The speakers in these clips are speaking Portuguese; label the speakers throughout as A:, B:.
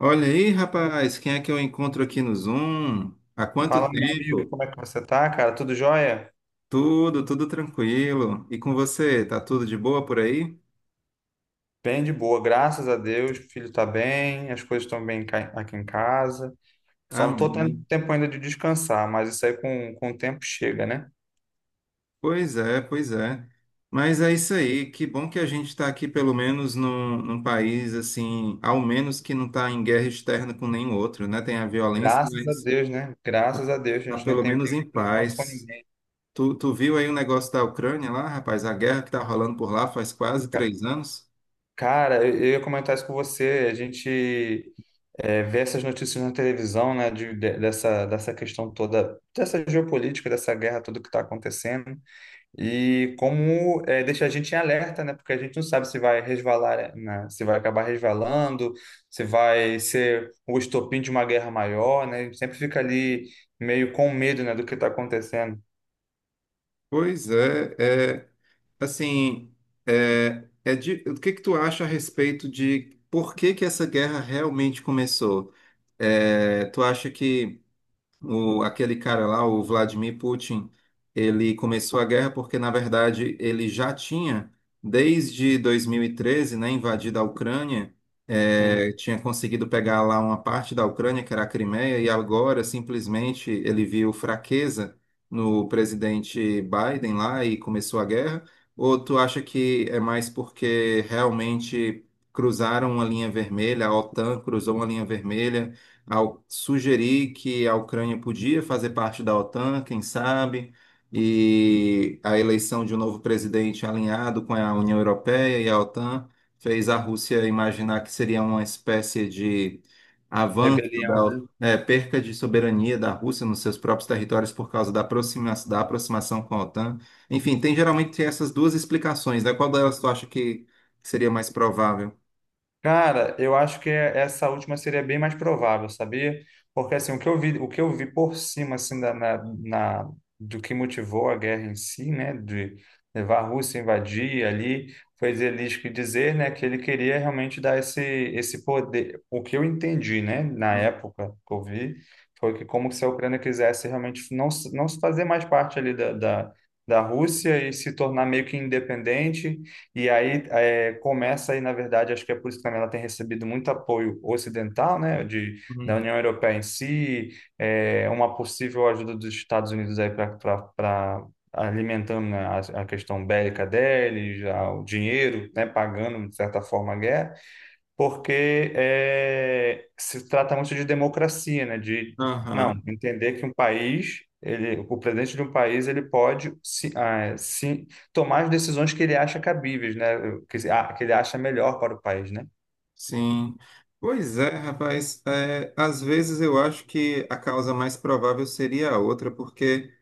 A: Olha aí, rapaz, quem é que eu encontro aqui no Zoom? Há quanto
B: Fala, meu amigo,
A: tempo?
B: como é que você tá, cara? Tudo jóia?
A: Tudo tranquilo. E com você, tá tudo de boa por aí?
B: Bem de boa, graças a Deus. O filho tá bem, as coisas estão bem aqui em casa. Só não tô tendo
A: Amém.
B: tempo ainda de descansar, mas isso aí com o tempo chega, né?
A: Pois é. Mas é isso aí, que bom que a gente está aqui pelo menos num país assim, ao menos que não está em guerra externa com nenhum outro, né? Tem a violência,
B: Graças a
A: mas
B: Deus, né? Graças a Deus, a
A: tá
B: gente não
A: pelo
B: tem
A: menos
B: briga
A: em
B: por enquanto com
A: paz.
B: ninguém.
A: Tu viu aí o negócio da Ucrânia lá, rapaz? A guerra que tá rolando por lá faz quase
B: Ca-
A: 3 anos?
B: Cara, eu ia comentar isso com você. A gente vê essas notícias na televisão, né? Dessa questão toda, dessa geopolítica, dessa guerra toda que está acontecendo. E como é, deixa a gente em alerta, né? Porque a gente não sabe se vai resvalar, né? Se vai acabar resvalando, se vai ser o estopim de uma guerra maior, né? A gente sempre fica ali meio com medo, né, do que está acontecendo.
A: Pois é, é. Assim, o que que tu acha a respeito de por que que essa guerra realmente começou? É, tu acha que o, aquele cara lá, o Vladimir Putin, ele começou a guerra porque, na verdade, ele já tinha, desde 2013, né, invadido a Ucrânia,
B: Uhum.
A: tinha conseguido pegar lá uma parte da Ucrânia, que era a Crimeia, e agora, simplesmente, ele viu fraqueza no presidente Biden lá e começou a guerra? Ou tu acha que é mais porque realmente cruzaram uma linha vermelha, a OTAN cruzou uma linha vermelha, ao sugerir que a Ucrânia podia fazer parte da OTAN, quem sabe, e a eleição de um novo presidente alinhado com a União Europeia e a OTAN fez a Rússia imaginar que seria uma espécie de avanço
B: Rebelião,
A: da
B: né?
A: perca de soberania da Rússia nos seus próprios territórios por causa da da aproximação com a OTAN. Enfim, tem geralmente essas duas explicações, né? Qual delas tu acha que seria mais provável?
B: Cara, eu acho que essa última seria bem mais provável, sabia? Porque assim, o que eu vi, o que eu vi por cima na- do que motivou a guerra em si, né, de levar a Rússia a invadir ali, foi Zelensky dizer, né, que ele queria realmente dar esse poder. O que eu entendi, né, na época que eu vi, foi que como se a Ucrânia quisesse realmente não se fazer mais parte ali da, da Rússia e se tornar meio que independente e aí começa aí, na verdade, acho que é por isso que também ela tem recebido muito apoio ocidental, né, da
A: Uhum.
B: União Europeia em si, é, uma possível ajuda dos Estados Unidos aí para alimentando né, a questão bélica deles, já, o dinheiro, né, pagando, de certa forma, a guerra porque é, se trata muito de democracia, né? De não
A: Aham.
B: entender que um país, ele, o presidente de um país, ele pode se, ah, se tomar as decisões que ele acha cabíveis, né? Que, que ele acha melhor para o país, né?
A: Sim. Pois é, rapaz. É, às vezes eu acho que a causa mais provável seria a outra, porque,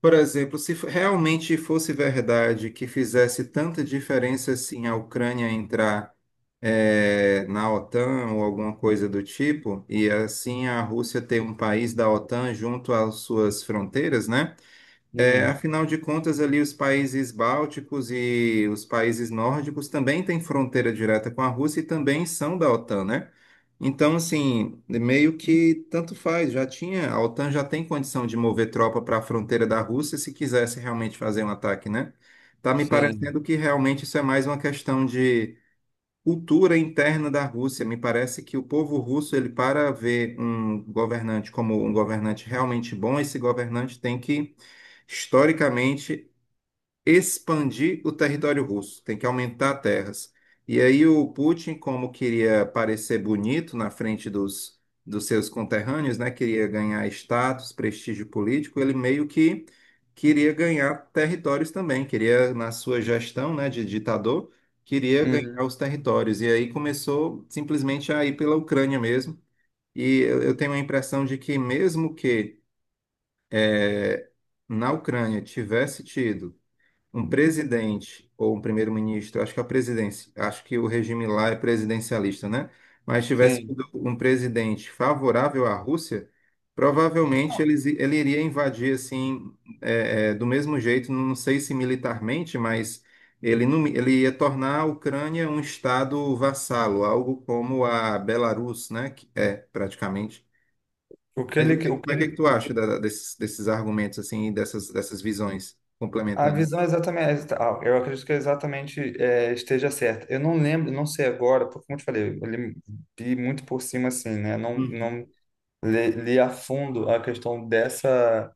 A: por exemplo, se f- realmente fosse verdade que fizesse tanta diferença assim a Ucrânia entrar, é, na OTAN ou alguma coisa do tipo, e assim a Rússia ter um país da OTAN junto às suas fronteiras, né? É,
B: Uhum.
A: afinal de contas, ali os países bálticos e os países nórdicos também têm fronteira direta com a Rússia e também são da OTAN, né? Então, assim, meio que tanto faz, já tinha, a OTAN já tem condição de mover tropa para a fronteira da Rússia se quisesse realmente fazer um ataque, né? Tá me
B: Sim.
A: parecendo que realmente isso é mais uma questão de cultura interna da Rússia. Me parece que o povo russo, ele para ver um governante como um governante realmente bom, esse governante tem que, historicamente, expandir o território russo, tem que aumentar terras. E aí o Putin, como queria parecer bonito na frente dos, dos seus conterrâneos, né, queria ganhar status, prestígio político, ele meio que queria ganhar territórios também, queria, na sua gestão, né, de ditador, queria ganhar
B: Uhum.
A: os territórios. E aí começou simplesmente a ir pela Ucrânia mesmo. E eu tenho a impressão de que mesmo que eh, na Ucrânia tivesse tido um presidente ou um primeiro-ministro, acho que a presidência, acho que o regime lá é presidencialista, né? Mas tivesse
B: Sim.
A: sido um presidente favorável à Rússia, provavelmente ele iria invadir assim, é, é, do mesmo jeito, não sei se militarmente, mas ele, não, ele ia tornar a Ucrânia um estado vassalo, algo como a Belarus, né? Que é praticamente.
B: O que
A: Mas
B: ele, o que
A: que
B: ele,
A: tu
B: o
A: acha
B: que-
A: desses, desses argumentos assim, dessas, dessas visões
B: A
A: complementando?
B: visão é exatamente, ah, eu acredito que é exatamente é, esteja certa. Eu não lembro, não sei agora, porque como eu te falei, li muito por cima assim, né? Não, li a fundo a questão dessa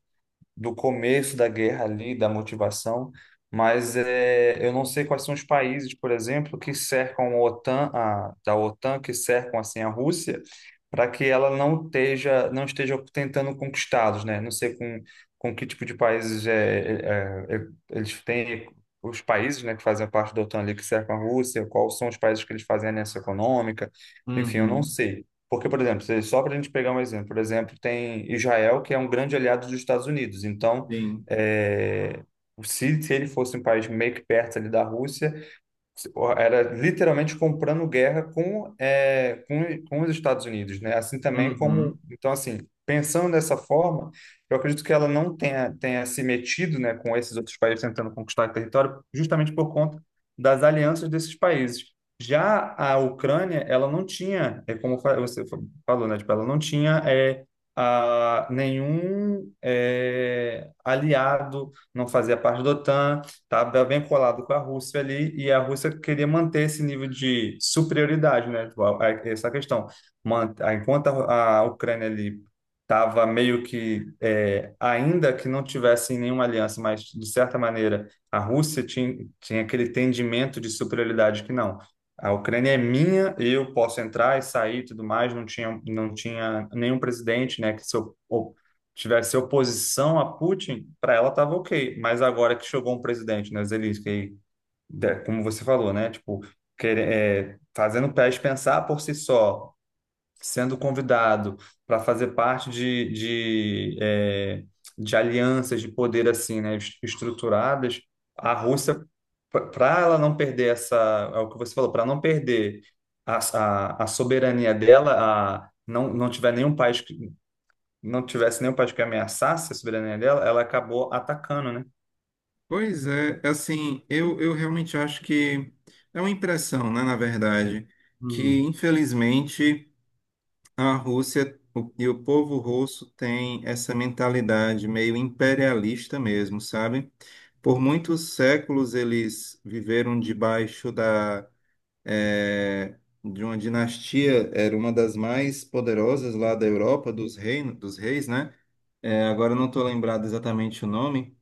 B: do começo da guerra ali, da motivação, mas é, eu não sei quais são os países, por exemplo, que cercam a OTAN, da OTAN, que cercam assim a Rússia, para que ela não esteja tentando conquistá-los, né? Não sei com que tipo de países é, eles têm os países, né, que fazem parte da OTAN ali que cercam a Rússia, quais são os países que eles fazem a aliança econômica, enfim, eu não
A: Uhum,
B: sei. Porque, por exemplo, só para a gente pegar um exemplo, por exemplo, tem Israel, que é um grande aliado dos Estados Unidos. Então,
A: sim.
B: é, se ele fosse um país meio que perto ali da Rússia, era literalmente comprando guerra com, com os Estados Unidos, né? Assim também como,
A: Uhum.
B: então assim, pensando dessa forma, eu acredito que ela não tenha, tenha se metido, né, com esses outros países tentando conquistar território, justamente por conta das alianças desses países. Já a Ucrânia, ela não tinha, é como você falou, né, tipo, ela não tinha nenhum aliado, não fazia parte da OTAN, tá bem colado com a Rússia ali, e a Rússia queria manter esse nível de superioridade, né? Tipo, essa questão. Enquanto a Ucrânia ali estava meio que, é, ainda que não tivesse nenhuma aliança, mas de certa maneira a Rússia tinha aquele entendimento de superioridade que não. A Ucrânia é minha, eu posso entrar e sair e tudo mais, não tinha nenhum presidente, né, que se op- tivesse oposição a Putin, para ela estava ok. Mas agora que chegou um presidente, né, Zelensky, como você falou, né, tipo, fazendo o país pensar por si só, sendo convidado para fazer parte de, é, de alianças de poder assim, né, estruturadas, a Rússia, para ela não perder essa, é o que você falou, para não perder a soberania dela, a, não, não tiver nenhum país não tivesse nenhum país que ameaçasse a soberania dela, ela acabou atacando, né?
A: Pois é, assim, eu realmente acho que é uma impressão, né, na verdade, que
B: Uhum.
A: infelizmente a Rússia e o povo russo tem essa mentalidade meio imperialista mesmo, sabe? Por muitos séculos eles viveram debaixo da, eh, de uma dinastia, era uma das mais poderosas lá da Europa, dos reinos, dos reis, né? Agora eu não estou lembrado exatamente o nome.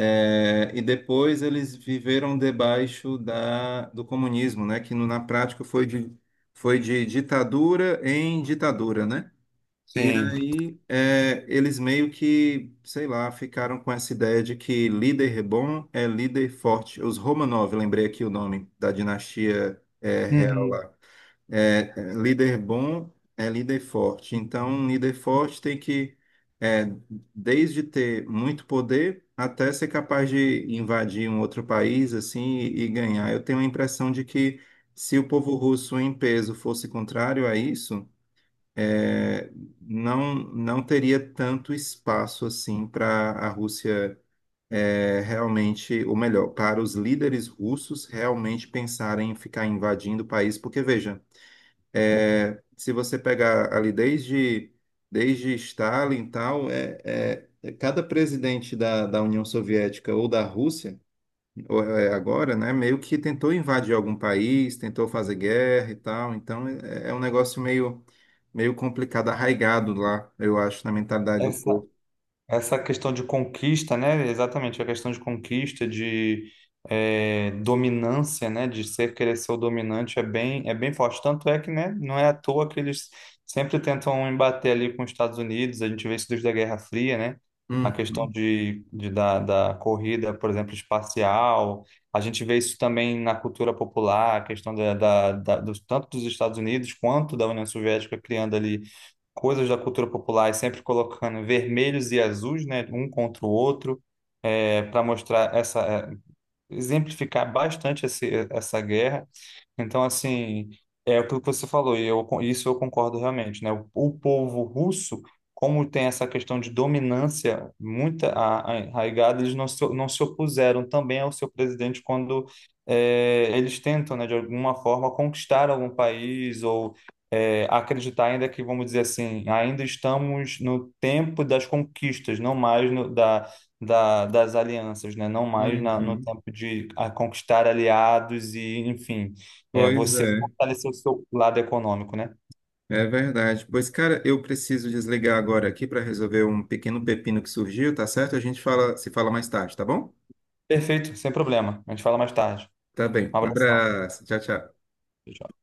A: É, e depois eles viveram debaixo da, do comunismo, né? Que na prática foi de ditadura em ditadura, né? E
B: Sim.
A: aí é, eles meio que, sei lá, ficaram com essa ideia de que líder bom é líder forte. Os Romanov, lembrei aqui o nome da dinastia é, real
B: Uhum.
A: lá. Líder bom é líder forte. Então, um líder forte tem que, é, desde ter muito poder até ser capaz de invadir um outro país assim e ganhar. Eu tenho a impressão de que se o povo russo em peso fosse contrário a isso, é, não teria tanto espaço assim para a Rússia é, realmente, ou melhor, para os líderes russos realmente pensarem em ficar invadindo o país, porque veja é, se você pegar ali desde, desde Stalin e tal, é cada presidente da, da União Soviética ou da Rússia, ou é agora, né, meio que tentou invadir algum país, tentou fazer guerra e tal. Então é, é um negócio meio, meio complicado, arraigado lá, eu acho, na mentalidade do
B: Essa,
A: povo.
B: Essa questão de conquista, né? Exatamente, a questão de conquista, de eh, dominância, né? De ser querer ser o dominante é é bem forte. Tanto é que, né? Não é à toa que eles sempre tentam embater ali com os Estados Unidos. A gente vê isso desde a Guerra Fria, né? A questão
A: Uhum,
B: da corrida, por exemplo, espacial. A gente vê isso também na cultura popular, a questão tanto dos Estados Unidos quanto da União Soviética criando ali coisas da cultura popular, e sempre colocando vermelhos e azuis, né, um contra o outro, é, para mostrar exemplificar bastante essa guerra. Então, assim, é aquilo que você falou, e eu, isso eu concordo realmente, né? O povo russo, como tem essa questão de dominância muito arraigada, eles não se opuseram também ao seu presidente quando eh, eles tentam, né, de alguma forma, conquistar algum país ou eh, acreditar ainda que, vamos dizer assim, ainda estamos no tempo das conquistas, não mais no, da, das alianças, né? Não mais no
A: uhum.
B: tempo de a conquistar aliados e, enfim, é,
A: Pois
B: você
A: é,
B: fortalecer o seu lado econômico, né?
A: é verdade. Pois, cara, eu preciso desligar agora aqui para resolver um pequeno pepino que surgiu, tá certo? A gente fala, se fala mais tarde, tá bom?
B: Perfeito, sem problema. A gente fala mais tarde.
A: Tá bem.
B: Um
A: Um
B: abração.
A: abraço. Tchau, tchau.
B: Tchau, tchau.